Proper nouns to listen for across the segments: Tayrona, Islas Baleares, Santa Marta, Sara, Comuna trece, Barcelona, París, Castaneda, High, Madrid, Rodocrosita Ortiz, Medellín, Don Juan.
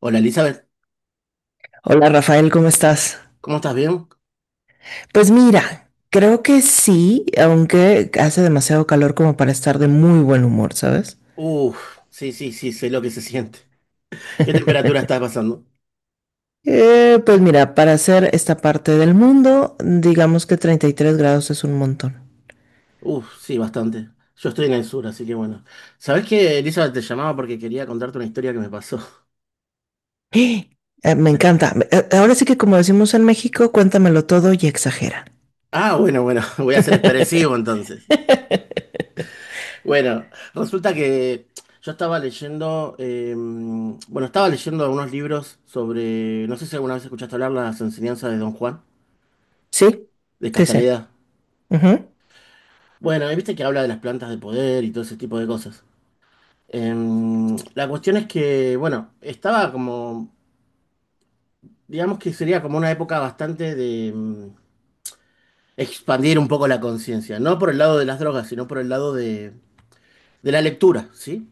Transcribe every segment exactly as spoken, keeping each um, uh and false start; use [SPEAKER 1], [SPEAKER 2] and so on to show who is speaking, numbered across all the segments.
[SPEAKER 1] Hola Elizabeth,
[SPEAKER 2] Hola Rafael, ¿cómo estás?
[SPEAKER 1] ¿cómo estás? ¿Bien?
[SPEAKER 2] Pues mira, creo que sí, aunque hace demasiado calor como para estar de muy buen humor, ¿sabes?
[SPEAKER 1] Uf, sí, sí, sí, sé lo que se siente. ¿Qué temperatura está pasando?
[SPEAKER 2] Eh, pues mira, para hacer esta parte del mundo, digamos que treinta y tres grados es un montón.
[SPEAKER 1] Uf, sí, bastante. Yo estoy en el sur, así que bueno. ¿Sabés qué, Elizabeth? Te llamaba porque quería contarte una historia que me pasó.
[SPEAKER 2] Eh, me encanta. Eh, Ahora sí que como decimos en México, cuéntamelo todo y exagera.
[SPEAKER 1] Ah, bueno, bueno, voy a ser expresivo entonces. Bueno, resulta que yo estaba leyendo, eh, bueno, estaba leyendo algunos libros sobre, no sé si alguna vez escuchaste hablar las enseñanzas de Don Juan,
[SPEAKER 2] Sí,
[SPEAKER 1] de
[SPEAKER 2] sí, sí.
[SPEAKER 1] Castaneda.
[SPEAKER 2] Ujú.
[SPEAKER 1] Bueno, y viste que habla de las plantas de poder y todo ese tipo de cosas. Em, la cuestión es que, bueno, estaba como, digamos que sería como una época bastante de em, expandir un poco la conciencia, no por el lado de las drogas, sino por el lado de, de la lectura, ¿sí?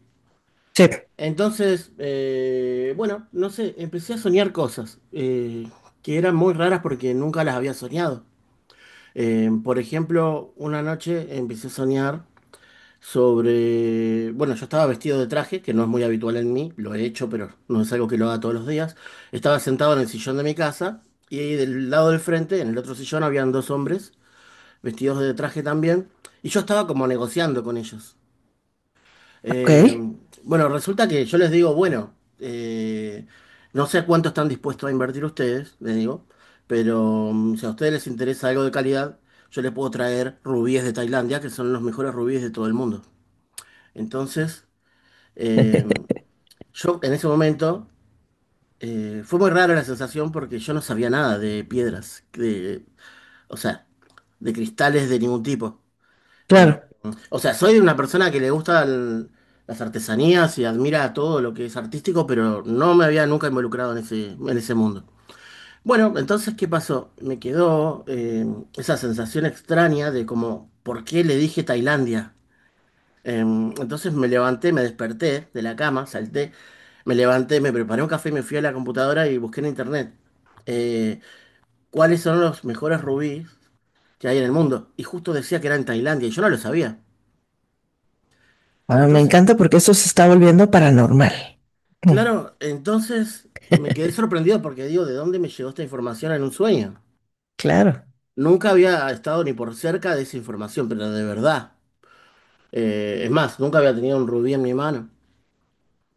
[SPEAKER 2] Sí, ok,
[SPEAKER 1] Entonces, eh, bueno, no sé, empecé a soñar cosas eh, que eran muy raras porque nunca las había soñado. Em, por ejemplo, una noche empecé a soñar sobre, bueno, yo estaba vestido de traje, que no es muy habitual en mí, lo he hecho, pero no es algo que lo haga todos los días. Estaba sentado en el sillón de mi casa y del lado del frente, en el otro sillón, habían dos hombres vestidos de traje también, y yo estaba como negociando con ellos. Eh, bueno, resulta que yo les digo, bueno, eh, no sé cuánto están dispuestos a invertir ustedes, les digo, pero mm, si a ustedes les interesa algo de calidad, yo les puedo traer rubíes de Tailandia, que son los mejores rubíes de todo el mundo. Entonces, eh, yo en ese momento eh, fue muy rara la sensación porque yo no sabía nada de piedras, de- o sea, de cristales de ningún tipo. Eh,
[SPEAKER 2] claro.
[SPEAKER 1] o sea, soy una persona que le gusta las artesanías y admira todo lo que es artístico, pero no me había nunca involucrado en ese, en ese mundo. Bueno, entonces, ¿qué pasó? Me quedó eh, esa sensación extraña de como, ¿por qué le dije Tailandia? Em, entonces me levanté, me desperté de la cama, salté, me levanté, me preparé un café, y me fui a la computadora y busqué en internet eh, cuáles son los mejores rubíes que hay en el mundo. Y justo decía que era en Tailandia y yo no lo sabía.
[SPEAKER 2] Ahora me
[SPEAKER 1] Entonces,
[SPEAKER 2] encanta porque esto se está volviendo paranormal. Mm,
[SPEAKER 1] claro, entonces me quedé sorprendido porque digo, ¿de dónde me llegó esta información en un sueño?
[SPEAKER 2] claro,
[SPEAKER 1] Nunca había estado ni por cerca de esa información, pero de verdad. Eh, es más, nunca había tenido un rubí en mi mano.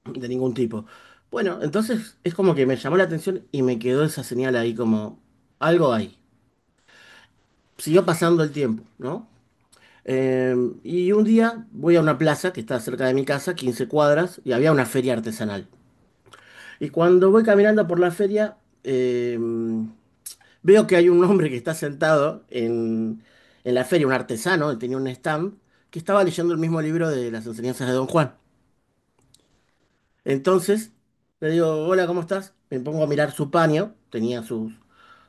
[SPEAKER 1] de ningún tipo. Bueno, entonces es como que me llamó la atención y me quedó esa señal ahí como algo ahí. Siguió pasando el tiempo, ¿no? Eh, y un día voy a una plaza que está cerca de mi casa, quince cuadras, y había una feria artesanal. Y cuando voy caminando por la feria, eh, veo que hay un hombre que está sentado en, en la feria, un artesano, él tenía un stand, que estaba leyendo el mismo libro de las enseñanzas de Don Juan. Entonces, le digo, hola, ¿cómo estás? Me pongo a mirar su paño, tenía sus,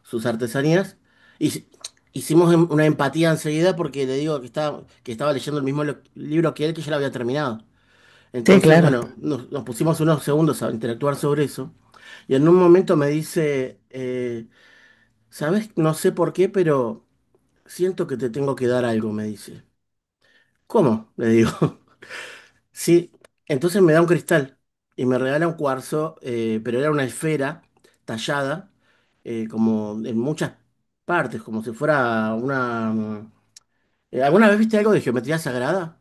[SPEAKER 1] sus artesanías, y s- hicimos em- una empatía enseguida porque le digo que estaba, que estaba leyendo el mismo lo- libro que él, que ya lo había terminado.
[SPEAKER 2] sí,
[SPEAKER 1] Entonces,
[SPEAKER 2] claro.
[SPEAKER 1] bueno, nos, nos pusimos unos segundos a interactuar sobre eso, y en un momento me dice, eh, ¿sabes? No sé por qué, pero siento que te tengo que dar algo, me dice. ¿Cómo? Le digo. Sí, entonces me da un cristal y me regala un cuarzo, eh, pero era una esfera tallada, eh, como en muchas partes, como si fuera una... mm, eh, ¿Alguna vez viste algo de geometría sagrada?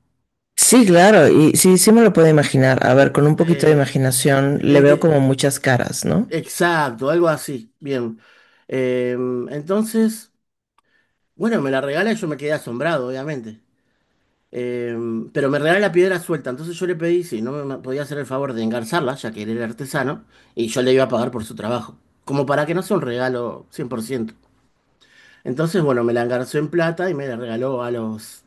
[SPEAKER 2] Sí, claro, y sí, sí me lo puedo imaginar. A
[SPEAKER 1] Uh,
[SPEAKER 2] ver, con un poquito de
[SPEAKER 1] eh,
[SPEAKER 2] imaginación le veo
[SPEAKER 1] eh,
[SPEAKER 2] como muchas caras, ¿no?
[SPEAKER 1] eh, exacto, algo así, bien. Eh, entonces, bueno, me la regala y yo me quedé asombrado, obviamente. Eh, pero me regaló la piedra suelta, entonces yo le pedí si no me podía hacer el favor de engarzarla, ya que él era artesano, y yo le iba a pagar por su trabajo, como para que no sea un regalo cien por ciento. Entonces, bueno, me la engarzó en plata y me la regaló a los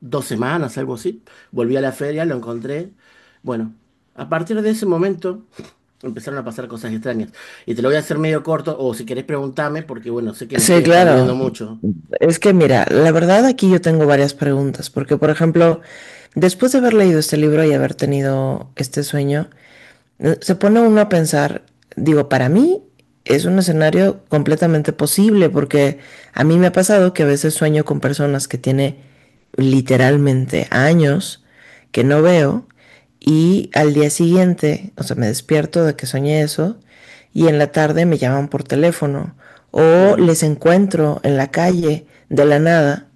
[SPEAKER 1] dos semanas, algo así. Volví a la feria, lo encontré. Bueno, a partir de ese momento empezaron a pasar cosas extrañas. Y te lo voy a hacer medio corto, o si querés preguntarme, porque bueno, sé que me estoy
[SPEAKER 2] Sí,
[SPEAKER 1] expandiendo
[SPEAKER 2] claro.
[SPEAKER 1] mucho.
[SPEAKER 2] Es que mira, la verdad aquí yo tengo varias preguntas, porque por ejemplo, después de haber leído este libro y haber tenido este sueño, Eh, Se pone uno a pensar, digo, para mí es un escenario completamente posible porque a mí me ha pasado que a veces sueño con personas que tiene literalmente años que no veo y al día siguiente, o sea, me despierto de que soñé eso y en la tarde me llaman por teléfono o
[SPEAKER 1] Claro.
[SPEAKER 2] les encuentro en la calle de la nada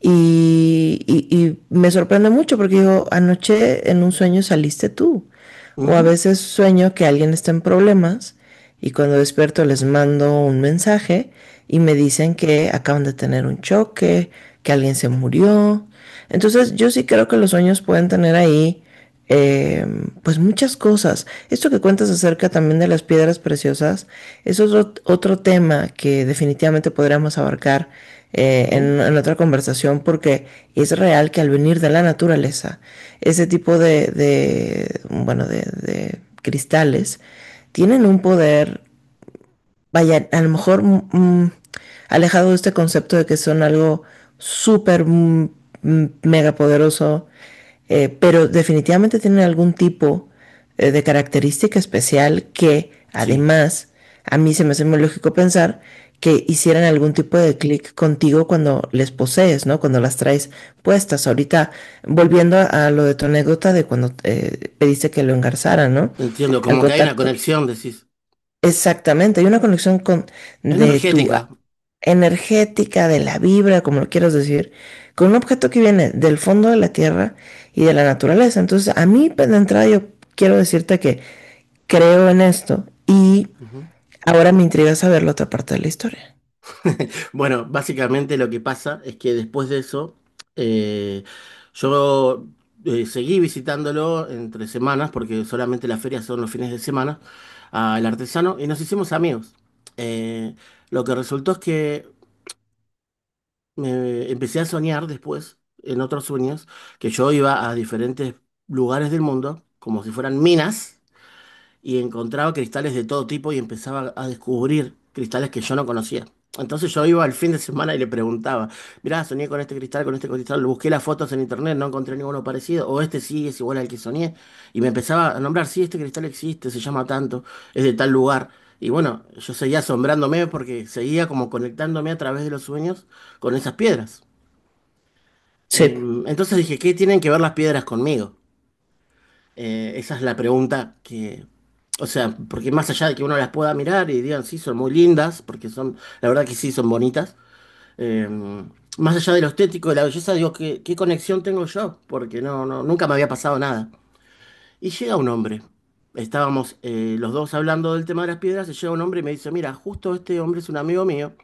[SPEAKER 2] y, y, y me sorprende mucho porque digo, anoche en un sueño saliste tú, o a
[SPEAKER 1] Ujú,
[SPEAKER 2] veces sueño que alguien está en problemas y cuando despierto les mando un mensaje y me dicen que acaban de tener un choque, que alguien se murió. Entonces yo sí creo que los sueños pueden tener ahí eh, pues muchas cosas. Esto que cuentas acerca también de las piedras preciosas es otro, otro tema que definitivamente podríamos abarcar eh,
[SPEAKER 1] ujú.
[SPEAKER 2] en, en otra conversación porque es real que al venir de la naturaleza, ese tipo de, de bueno, de, de cristales tienen un poder, vaya, a lo mejor mm, mm, alejado de este concepto de que son algo súper mm, mm, mega poderoso, eh, pero definitivamente tienen algún tipo eh, de característica especial que
[SPEAKER 1] Sí.
[SPEAKER 2] además a mí se me hace muy lógico pensar que hicieran algún tipo de clic contigo cuando les posees, ¿no? Cuando las traes puestas. Ahorita, volviendo a, a lo de tu anécdota de cuando eh, pediste que lo engarzaran, ¿no?
[SPEAKER 1] Entiendo,
[SPEAKER 2] Al
[SPEAKER 1] como que hay una
[SPEAKER 2] contacto,
[SPEAKER 1] conexión, decís,
[SPEAKER 2] exactamente, hay una conexión con de tu a-
[SPEAKER 1] energética.
[SPEAKER 2] energética, de la vibra, como lo quieras decir, con un objeto que viene del fondo de la tierra y de la naturaleza. Entonces, a mí pues, de entrada yo quiero decirte que creo en esto y
[SPEAKER 1] Ujú.
[SPEAKER 2] ahora me intriga saber la otra parte de la historia.
[SPEAKER 1] Bueno, básicamente lo que pasa es que después de eso, eh, yo eh, seguí visitándolo entre semanas, porque solamente las ferias son los fines de semana, al artesano, y nos hicimos amigos. Eh, lo que resultó es que me empecé a soñar después, en otros sueños, que yo iba a diferentes lugares del mundo, como si fueran minas y encontraba cristales de todo tipo y empezaba a descubrir cristales que yo no conocía. Entonces yo iba al fin de semana y le preguntaba, mirá, soñé con este cristal, con este cristal, busqué las fotos en internet, no encontré ninguno parecido, o este sí es igual al que soñé, y me empezaba a nombrar, sí, este cristal existe, se llama tanto, es de tal lugar. Y bueno, yo seguía asombrándome porque seguía como conectándome a través de los sueños con esas piedras.
[SPEAKER 2] Sí,
[SPEAKER 1] Em, Entonces dije, ¿qué tienen que ver las piedras conmigo? Eh, esa es la pregunta que, o sea, porque más allá de que uno las pueda mirar y digan, sí, son muy lindas, porque son, la verdad que sí, son bonitas, eh, más allá de lo estético, de la belleza, digo, ¿qué, qué conexión tengo yo? Porque no, no, nunca me había pasado nada. Y llega un hombre, estábamos eh, los dos hablando del tema de las piedras, y llega un hombre y me dice, mira, justo este hombre es un amigo mío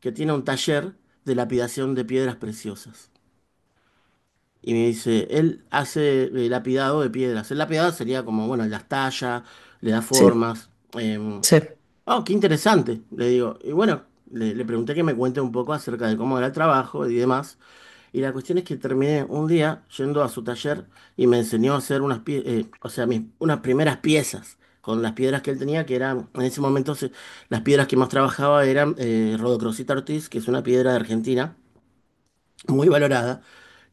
[SPEAKER 1] que tiene un taller de lapidación de piedras preciosas. Y me dice, él hace eh, lapidado de piedras. El lapidado sería como, bueno, las talla, le da
[SPEAKER 2] sí,
[SPEAKER 1] formas. Em,
[SPEAKER 2] sí.
[SPEAKER 1] oh, qué interesante, le digo. Y bueno, le, le pregunté que me cuente un poco acerca de cómo era el trabajo y demás. Y la cuestión es que terminé un día yendo a su taller y me enseñó a hacer unas, pie- eh, o sea, mis- unas primeras piezas con las piedras que él tenía, que eran, en ese momento se- las piedras que más trabajaba eran eh, Rodocrosita Ortiz, que es una piedra de Argentina muy valorada,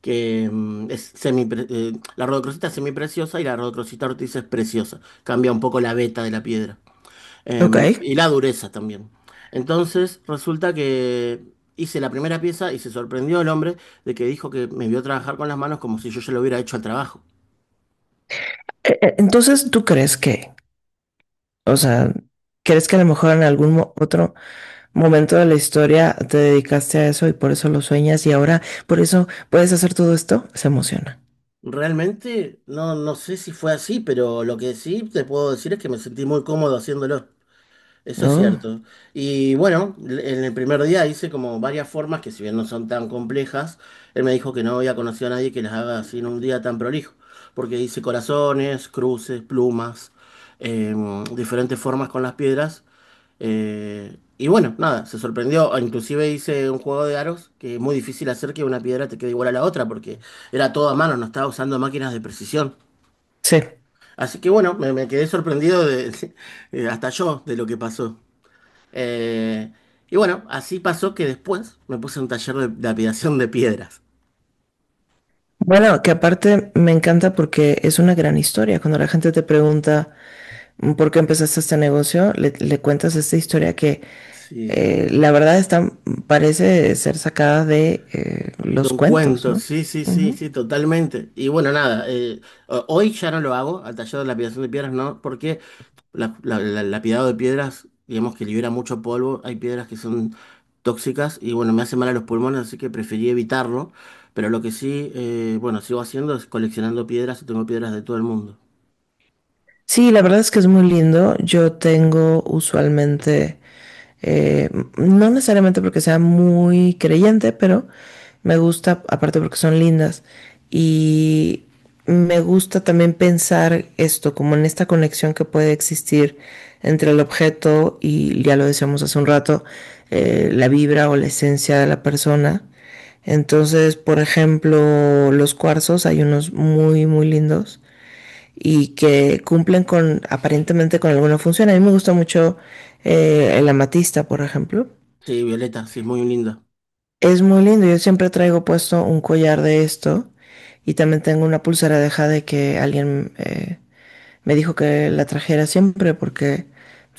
[SPEAKER 1] que mm, es semi, eh, la rodocrosita es semipreciosa y la rodocrosita ortiz es preciosa. Cambia un poco la veta de la piedra.
[SPEAKER 2] Ok.
[SPEAKER 1] Em,
[SPEAKER 2] E-
[SPEAKER 1] y la dureza también. Entonces, resulta que hice la primera pieza y se sorprendió el hombre de que dijo que me vio trabajar con las manos como si yo ya lo hubiera hecho al trabajo.
[SPEAKER 2] e- Entonces, ¿tú crees que, o sea, crees que a lo mejor en algún mo- otro momento de la historia te dedicaste a eso y por eso lo sueñas y ahora por eso puedes hacer todo esto, se emociona?
[SPEAKER 1] Realmente, no, no sé si fue así, pero lo que sí te puedo decir es que me sentí muy cómodo haciéndolo. Eso es
[SPEAKER 2] Oh,
[SPEAKER 1] cierto. Y bueno, l- en el primer día hice como varias formas que si bien no son tan complejas, él me dijo que no había conocido a nadie que las haga así en un día tan prolijo, porque hice corazones, cruces, plumas, eh, diferentes formas con las piedras. Eh, y bueno, nada, se sorprendió. Inclusive hice un juego de aros que es muy difícil hacer que una piedra te quede igual a la otra, porque era todo a mano, no estaba usando máquinas de precisión.
[SPEAKER 2] sí.
[SPEAKER 1] Así que bueno, me, me quedé sorprendido de, de- hasta yo de lo que pasó. Eh, y bueno, así pasó que después me puse en un taller de, de apilación de piedras.
[SPEAKER 2] Bueno, que aparte me encanta porque es una gran historia. Cuando la gente te pregunta mm, por qué empezaste este negocio, le, le cuentas esta historia que
[SPEAKER 1] Sí,
[SPEAKER 2] eh, la verdad está, parece ser sacada de, eh,
[SPEAKER 1] de
[SPEAKER 2] los
[SPEAKER 1] un
[SPEAKER 2] cuentos,
[SPEAKER 1] cuento,
[SPEAKER 2] ¿no?
[SPEAKER 1] sí, sí, sí,
[SPEAKER 2] Ujú.
[SPEAKER 1] sí, totalmente. Y bueno, nada, eh, ho- hoy ya no lo hago, al taller de lapidación de piedras no, porque la, la- la- el lapidado de piedras, digamos que libera mucho polvo, hay piedras que son tóxicas y bueno, me hace mal a los pulmones, así que preferí evitarlo. Pero lo que sí, eh, bueno, sigo haciendo es coleccionando piedras y tengo piedras de todo el mundo.
[SPEAKER 2] Sí, la verdad es que es muy lindo. Yo tengo usualmente, eh, no necesariamente porque sea muy creyente, pero me gusta, aparte porque son lindas, y me gusta también pensar esto, como en esta conexión que puede existir entre el objeto y, ya lo decíamos hace un rato, eh, la vibra o la esencia de la persona. Entonces, por ejemplo, los cuarzos, hay unos muy, muy lindos y que cumplen con aparentemente con alguna función. A mí me gusta mucho, eh, el amatista, por ejemplo.
[SPEAKER 1] Sí, Violeta, sí, es muy linda.
[SPEAKER 2] Es muy lindo. Yo siempre traigo puesto un collar de esto y también tengo una pulsera de jade que alguien, eh, me dijo que la trajera siempre porque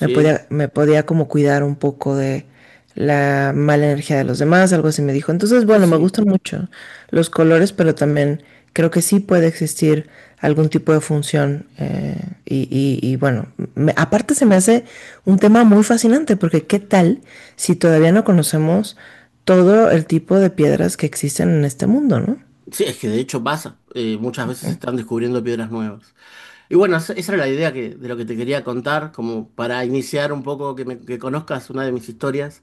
[SPEAKER 2] me podía, me podía como cuidar un poco de la mala energía de los demás, algo así me dijo. Entonces,
[SPEAKER 1] sí,
[SPEAKER 2] bueno, me
[SPEAKER 1] sí.
[SPEAKER 2] gustan mucho los colores, pero también creo que sí puede existir algún tipo de función. eh, y, y- y, bueno, me- aparte se me hace un tema muy fascinante porque ¿qué tal si todavía no conocemos todo el tipo de piedras que existen en este mundo, ¿no?
[SPEAKER 1] Sí, es que de hecho pasa. eh, muchas veces se están descubriendo piedras nuevas. Y bueno, esa esa era la idea que, de lo que te quería contar, como para iniciar un poco que, me- que conozcas una de mis historias.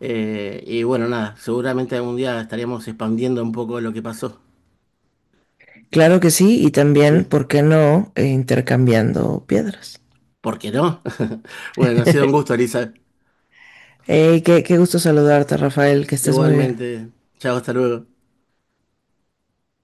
[SPEAKER 1] eh, y bueno, nada, seguramente algún día estaríamos expandiendo un poco lo que pasó.
[SPEAKER 2] Claro que sí, y también,
[SPEAKER 1] ¿Sí?
[SPEAKER 2] ¿por qué no, eh, intercambiando piedras?
[SPEAKER 1] ¿Por qué no? Bueno, ha sido un gusto, Elisa.
[SPEAKER 2] Hey, qué, qué gusto saludarte, Rafael, que estés muy bien.
[SPEAKER 1] Igualmente. Chao, hasta luego.